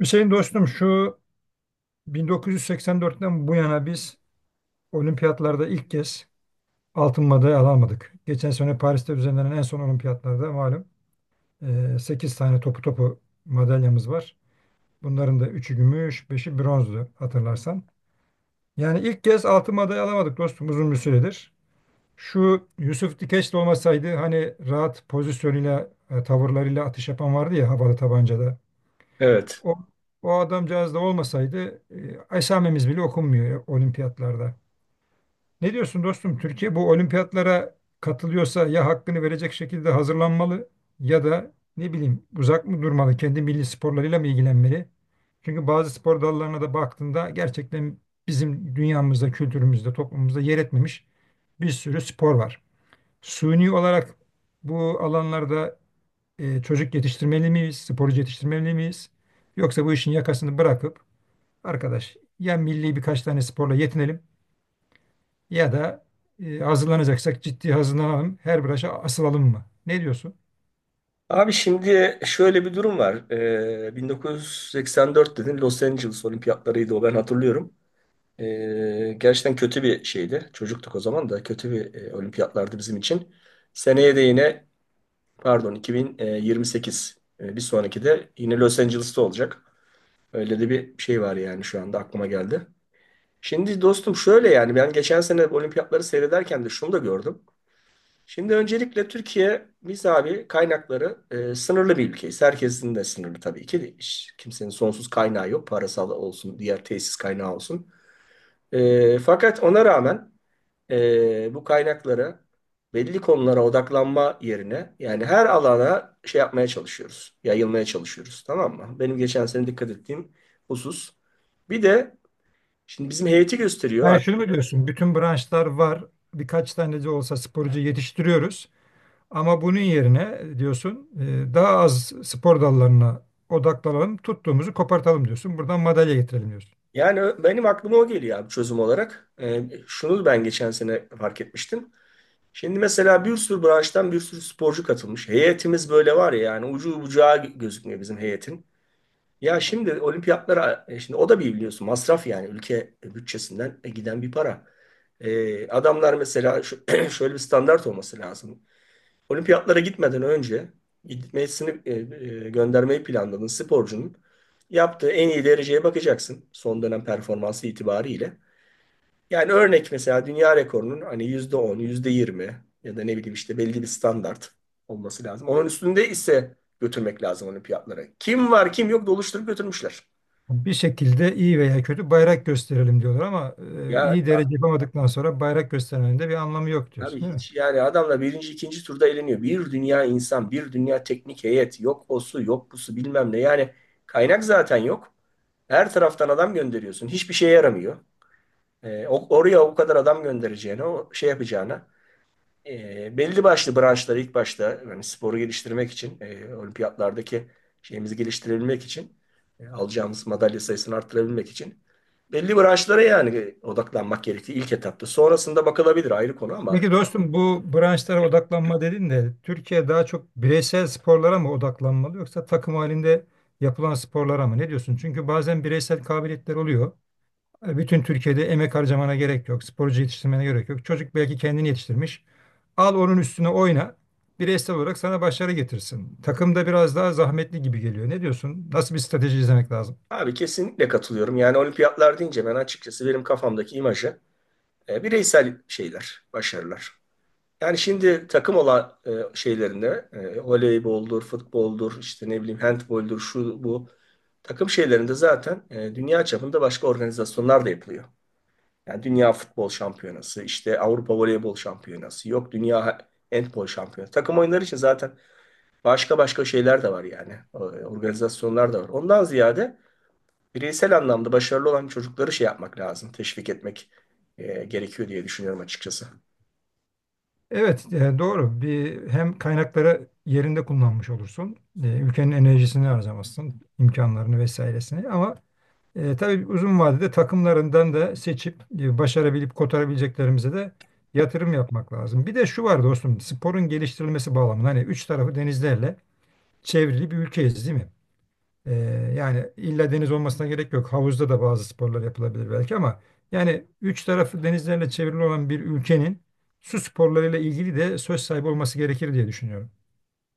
Hüseyin dostum şu 1984'ten bu yana biz olimpiyatlarda ilk kez altın madalya alamadık. Geçen sene Paris'te düzenlenen en son olimpiyatlarda malum 8 tane topu topu madalyamız var. Bunların da üçü gümüş, beşi bronzdu hatırlarsan. Yani ilk kez altın madalya alamadık dostum uzun bir süredir. Şu Yusuf Dikeç de olmasaydı hani rahat pozisyonuyla, tavırlarıyla atış yapan vardı ya havalı tabancada. Evet. O, o adamcağız da olmasaydı esamemiz bile okunmuyor olimpiyatlarda. Ne diyorsun dostum? Türkiye bu olimpiyatlara katılıyorsa ya hakkını verecek şekilde hazırlanmalı ya da ne bileyim uzak mı durmalı? Kendi milli sporlarıyla mı ilgilenmeli? Çünkü bazı spor dallarına da baktığında gerçekten bizim dünyamızda, kültürümüzde, toplumumuzda yer etmemiş bir sürü spor var. Suni olarak bu alanlarda çocuk yetiştirmeli miyiz, sporcu yetiştirmeli miyiz? Yoksa bu işin yakasını bırakıp arkadaş ya milli birkaç tane sporla yetinelim ya da hazırlanacaksak ciddi hazırlanalım. Her branşa asılalım mı? Ne diyorsun? Abi şimdi şöyle bir durum var. 1984 dedin Los Angeles olimpiyatlarıydı o ben hatırlıyorum. Gerçekten kötü bir şeydi. Çocuktuk o zaman da kötü bir olimpiyatlardı bizim için. Seneye de yine pardon 2028 bir sonraki de yine Los Angeles'ta olacak. Öyle de bir şey var yani şu anda aklıma geldi. Şimdi dostum şöyle yani ben geçen sene olimpiyatları seyrederken de şunu da gördüm. Şimdi öncelikle Türkiye biz abi kaynakları sınırlı bir ülkeyiz. Herkesin de sınırlı tabii ki değil. Hiç kimsenin sonsuz kaynağı yok. Parasal olsun, diğer tesis kaynağı olsun. Fakat ona rağmen bu kaynakları belli konulara odaklanma yerine yani her alana şey yapmaya çalışıyoruz. Yayılmaya çalışıyoruz. Tamam mı? Benim geçen sene dikkat ettiğim husus. Bir de şimdi bizim heyeti gösteriyor abi. Yani şunu mu diyorsun? Bütün branşlar var. Birkaç tane de olsa sporcu yetiştiriyoruz. Ama bunun yerine diyorsun daha az spor dallarına odaklanalım. Tuttuğumuzu kopartalım diyorsun. Buradan madalya getirelim diyorsun. Yani benim aklıma o geliyor abi çözüm olarak. Şunu ben geçen sene fark etmiştim. Şimdi mesela bir sürü branştan bir sürü sporcu katılmış. Heyetimiz böyle var ya yani ucu bucağı gözükmüyor bizim heyetin. Ya şimdi olimpiyatlara, şimdi o da bir biliyorsun masraf yani ülke bütçesinden giden bir para. Adamlar mesela şöyle bir standart olması lazım. Olimpiyatlara gitmeden önce gitmesini göndermeyi planladığın sporcunun yaptığı en iyi dereceye bakacaksın son dönem performansı itibariyle. Yani örnek mesela dünya rekorunun hani %10, yüzde yirmi ya da ne bileyim işte belli bir standart olması lazım. Onun üstünde ise götürmek lazım olimpiyatlara. Kim var kim yok doluşturup götürmüşler. Bir şekilde iyi veya kötü bayrak gösterelim diyorlar ama Ya iyi derece yapamadıktan sonra bayrak göstermenin de bir anlamı yok abi diyorsun, değil mi? hiç yani adamla birinci ikinci turda eleniyor. Bir dünya insan, bir dünya teknik heyet. Yok osu, yok bu su bilmem ne. Yani kaynak zaten yok. Her taraftan adam gönderiyorsun. Hiçbir şeye yaramıyor. Oraya o kadar adam göndereceğine, o şey yapacağına. Belli başlı branşları ilk başta yani sporu geliştirmek için, olimpiyatlardaki şeyimizi geliştirebilmek için, alacağımız madalya sayısını arttırabilmek için belli branşlara yani odaklanmak gerektiği ilk etapta. Sonrasında bakılabilir ayrı konu ama Peki dostum bu branşlara odaklanma dedin de Türkiye daha çok bireysel sporlara mı odaklanmalı yoksa takım halinde yapılan sporlara mı? Ne diyorsun? Çünkü bazen bireysel kabiliyetler oluyor. Bütün Türkiye'de emek harcamana gerek yok. Sporcu yetiştirmene gerek yok. Çocuk belki kendini yetiştirmiş. Al onun üstüne oyna. Bireysel olarak sana başarı getirsin. Takımda biraz daha zahmetli gibi geliyor. Ne diyorsun? Nasıl bir strateji izlemek lazım? abi kesinlikle katılıyorum. Yani olimpiyatlar deyince ben açıkçası benim kafamdaki imajı bireysel şeyler, başarılar. Yani şimdi takım olan şeylerinde voleyboldur, futboldur, işte ne bileyim handboldur, şu bu takım şeylerinde zaten dünya çapında başka organizasyonlar da yapılıyor. Yani Dünya Futbol Şampiyonası, işte Avrupa Voleybol Şampiyonası, yok Dünya Handbol Şampiyonası. Takım oyunları için zaten başka başka şeyler de var yani. Organizasyonlar da var. Ondan ziyade bireysel anlamda başarılı olan çocukları şey yapmak lazım. Teşvik etmek gerekiyor diye düşünüyorum açıkçası. Evet, doğru. Bir hem kaynakları yerinde kullanmış olursun. Ülkenin enerjisini harcamazsın, imkanlarını vesairesini. Ama tabii uzun vadede takımlarından da seçip başarabilip kotarabileceklerimize de yatırım yapmak lazım. Bir de şu var dostum, sporun geliştirilmesi bağlamında hani üç tarafı denizlerle çevrili bir ülkeyiz, değil mi? Ee, yani illa deniz olmasına gerek yok. Havuzda da bazı sporlar yapılabilir belki ama yani üç tarafı denizlerle çevrili olan bir ülkenin su sporlarıyla ilgili de söz sahibi olması gerekir diye düşünüyorum.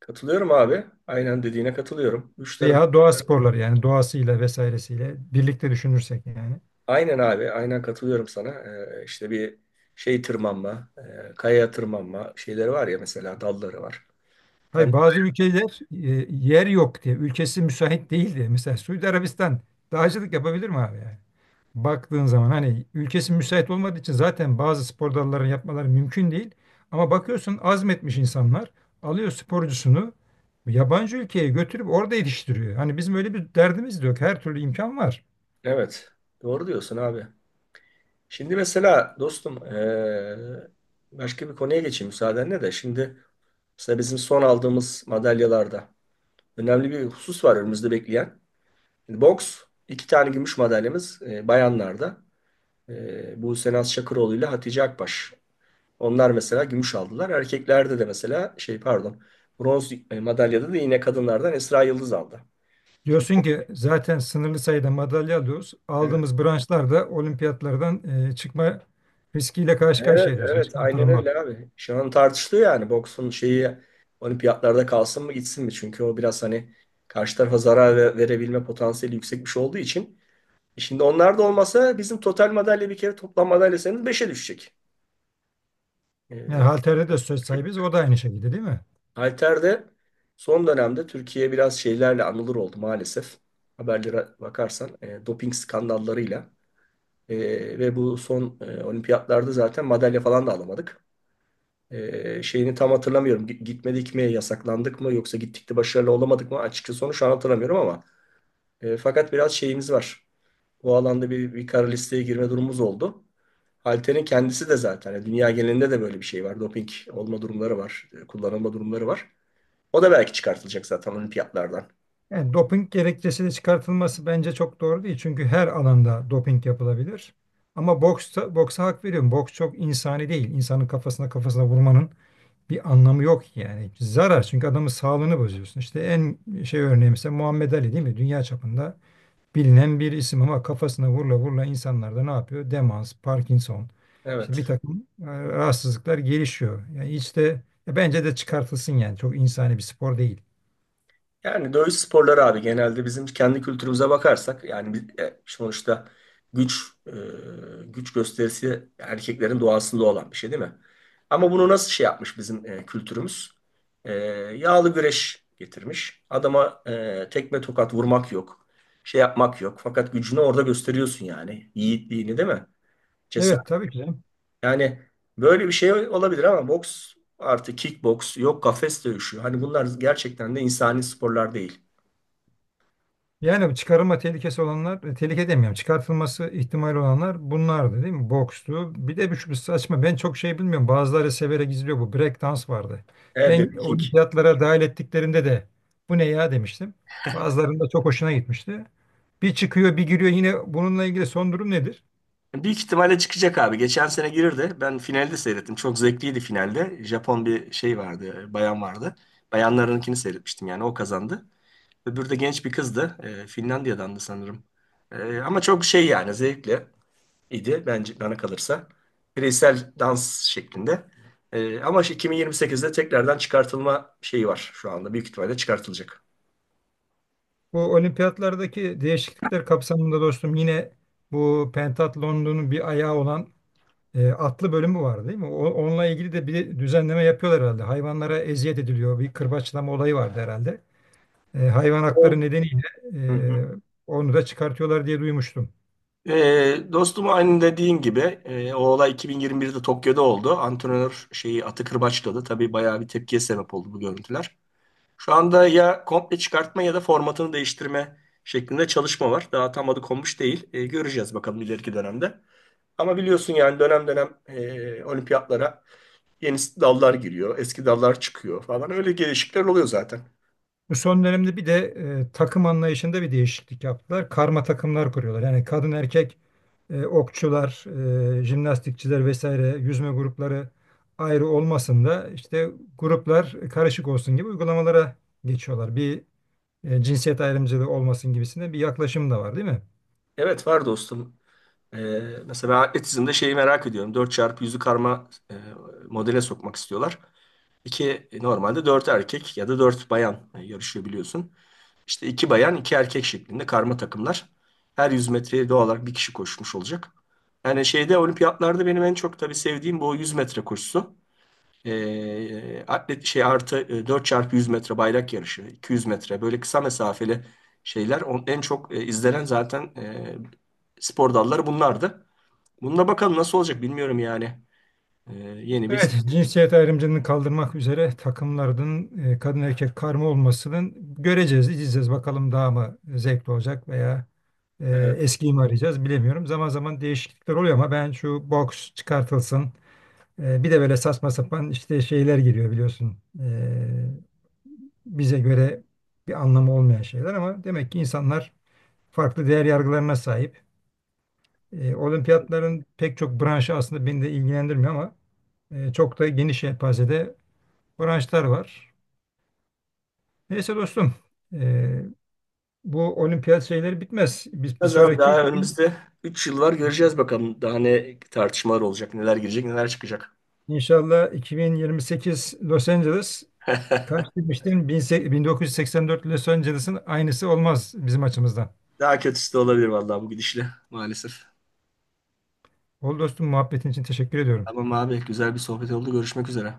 Katılıyorum abi. Aynen dediğine katılıyorum. Üç taraf. Veya doğa sporları yani doğasıyla vesairesiyle birlikte düşünürsek yani. Aynen abi. Aynen katılıyorum sana. İşte bir şey tırmanma, kayaya tırmanma şeyleri var ya mesela dalları var. Hayır Sen, bazı ülkeler yer yok diye, ülkesi müsait değil diye. Mesela Suudi Arabistan dağcılık yapabilir mi abi yani? Baktığın zaman hani ülkesi müsait olmadığı için zaten bazı spor dallarını yapmaları mümkün değil. Ama bakıyorsun azmetmiş insanlar alıyor sporcusunu yabancı ülkeye götürüp orada yetiştiriyor. Hani bizim öyle bir derdimiz de yok. Her türlü imkan var. evet. Doğru diyorsun abi. Şimdi mesela dostum başka bir konuya geçeyim müsaadenle de. Şimdi mesela bizim son aldığımız madalyalarda önemli bir husus var önümüzde bekleyen. Şimdi boks iki tane gümüş madalyamız bayanlarda. E, Buse Naz Şakıroğlu ile Hatice Akbaş. Onlar mesela gümüş aldılar. Erkeklerde de mesela şey pardon bronz madalyada da yine kadınlardan Esra Yıldız aldı. Diyorsun ki zaten sınırlı sayıda madalya alıyoruz. Evet. Aldığımız branşlarda olimpiyatlardan çıkma riskiyle karşı Evet, karşıya diyorsun. evet aynen Çıkartılmak. öyle abi. Şu an tartışılıyor yani boksun şeyi olimpiyatlarda kalsın mı gitsin mi? Çünkü o biraz hani karşı tarafa zarar verebilme potansiyeli yüksek bir şey olduğu için. E şimdi onlar da olmasa bizim total madalya bir kere toplam madalya sayımız 5'e düşecek. Yani E, halterde de söz sahibiz. O da aynı şekilde değil mi? Halter'de son dönemde Türkiye biraz şeylerle anılır oldu maalesef. Haberlere bakarsan doping skandallarıyla. E, Ve bu son olimpiyatlarda zaten madalya falan da alamadık. Şeyini tam hatırlamıyorum. Gitmedik mi, yasaklandık mı yoksa gittik de başarılı olamadık mı? Açıkçası onu şu an hatırlamıyorum ama fakat biraz şeyimiz var. O alanda bir kara listeye girme durumumuz oldu. Halter'in kendisi de zaten yani dünya genelinde de böyle bir şey var. Doping olma durumları var, kullanılma durumları var. O da belki çıkartılacak zaten olimpiyatlardan. Yani doping gerekçesi de çıkartılması bence çok doğru değil. Çünkü her alanda doping yapılabilir. Ama boksta, boksa hak veriyorum. Boks çok insani değil. İnsanın kafasına kafasına vurmanın bir anlamı yok yani. Zarar çünkü adamın sağlığını bozuyorsun. İşte en şey örneği mesela Muhammed Ali değil mi? Dünya çapında bilinen bir isim ama kafasına vurla vurla insanlar da ne yapıyor? Demans, Parkinson, işte bir Evet. takım rahatsızlıklar gelişiyor. Yani işte bence de çıkartılsın yani. Çok insani bir spor değil. Yani dövüş sporları abi genelde bizim kendi kültürümüze bakarsak yani sonuçta güç güç gösterisi erkeklerin doğasında olan bir şey değil mi? Ama bunu nasıl şey yapmış bizim kültürümüz? E, Yağlı güreş getirmiş. Adama tekme tokat vurmak yok. Şey yapmak yok. Fakat gücünü orada gösteriyorsun yani. Yiğitliğini değil mi? Evet tabii ki canım. Yani böyle bir şey olabilir ama boks artı kickboks yok kafes dövüşü. Hani bunlar gerçekten de insani sporlar değil. Yani çıkarılma tehlikesi olanlar, tehlike demiyorum, çıkartılması ihtimali olanlar bunlardı değil mi? Bokstu. Bir de bir şu saçma, ben çok şey bilmiyorum. Bazıları severek izliyor bu. Break dans vardı. Evet, Ben Derek King. olimpiyatlara dahil ettiklerinde de bu ne ya demiştim. Bazılarında çok hoşuna gitmişti. Bir çıkıyor, bir giriyor. Yine bununla ilgili son durum nedir? Büyük ihtimalle çıkacak abi. Geçen sene girirdi. Ben finalde seyrettim. Çok zevkliydi finalde. Japon bir şey vardı, bayan vardı. Bayanlarınkini seyretmiştim yani o kazandı. Öbürü de genç bir kızdı. Finlandiya'dandı sanırım. Ama çok şey yani zevkli idi bence bana kalırsa. Bireysel dans şeklinde. Ama işte 2028'de tekrardan çıkartılma şeyi var şu anda. Büyük ihtimalle çıkartılacak. Bu olimpiyatlardaki değişiklikler kapsamında dostum yine bu pentatlonun bir ayağı olan atlı bölümü var değil mi? Onunla ilgili de bir düzenleme yapıyorlar herhalde. Hayvanlara eziyet ediliyor. Bir kırbaçlama olayı vardı herhalde. Hayvan O- hakları nedeniyle Hı hı. e, onu da çıkartıyorlar diye duymuştum. Dostum aynı dediğin gibi o olay 2021'de Tokyo'da oldu. Antrenör şeyi atı kırbaçladı. Tabii bayağı bir tepkiye sebep oldu bu görüntüler. Şu anda ya komple çıkartma ya da formatını değiştirme şeklinde çalışma var. Daha tam adı konmuş değil. Göreceğiz bakalım ileriki dönemde. Ama biliyorsun yani dönem dönem olimpiyatlara yeni dallar giriyor, eski dallar çıkıyor falan. Öyle gelişikler oluyor zaten. Bu son dönemde bir de takım anlayışında bir değişiklik yaptılar. Karma takımlar kuruyorlar. Yani kadın erkek okçular, jimnastikçiler vesaire yüzme grupları ayrı olmasın da işte gruplar karışık olsun gibi uygulamalara geçiyorlar. Bir cinsiyet ayrımcılığı olmasın gibisinde bir yaklaşım da var değil mi? Evet var dostum. Ee, Mesela ben atletizmde şeyi merak ediyorum. Dört çarpı yüzü karma modele sokmak istiyorlar. İki normalde 4 erkek ya da 4 bayan yarışıyor biliyorsun. İşte iki bayan, iki erkek şeklinde karma takımlar. Her 100 metreye doğal olarak bir kişi koşmuş olacak. Yani şeyde olimpiyatlarda benim en çok tabii sevdiğim bu 100 metre koşusu. Atlet şey artı 4 çarpı 100 metre bayrak yarışı, 200 metre böyle kısa mesafeli şeyler on, en çok izlenen zaten spor dalları bunlardı. Bununla bakalım nasıl olacak bilmiyorum yani. E, Yeni bir Evet, cinsiyet ayrımcılığını kaldırmak üzere takımların kadın erkek karma olmasının göreceğiz, izleyeceğiz. Bakalım daha mı zevkli olacak veya evet. eskiyi mi arayacağız bilemiyorum. Zaman zaman değişiklikler oluyor ama ben şu boks çıkartılsın. Bir de böyle saçma sapan işte şeyler giriyor biliyorsun. Bize göre bir anlamı olmayan şeyler ama demek ki insanlar farklı değer yargılarına sahip. Olimpiyatların pek çok branşı aslında beni de ilgilendirmiyor ama çok da geniş yelpazede branşlar var. Neyse dostum, e, bu olimpiyat şeyleri bitmez. Biz bir Az abi sonraki daha 2000 önümüzde 3 yıl var göreceğiz bakalım daha ne tartışmalar olacak, neler girecek, neler çıkacak. inşallah 2028 Los Angeles kaç demiştin? 1984 Los Angeles'ın aynısı olmaz bizim açımızdan. Daha kötüsü de olabilir vallahi bu gidişle maalesef. Ol dostum muhabbetin için teşekkür ediyorum. Tamam abi güzel bir sohbet oldu. Görüşmek üzere.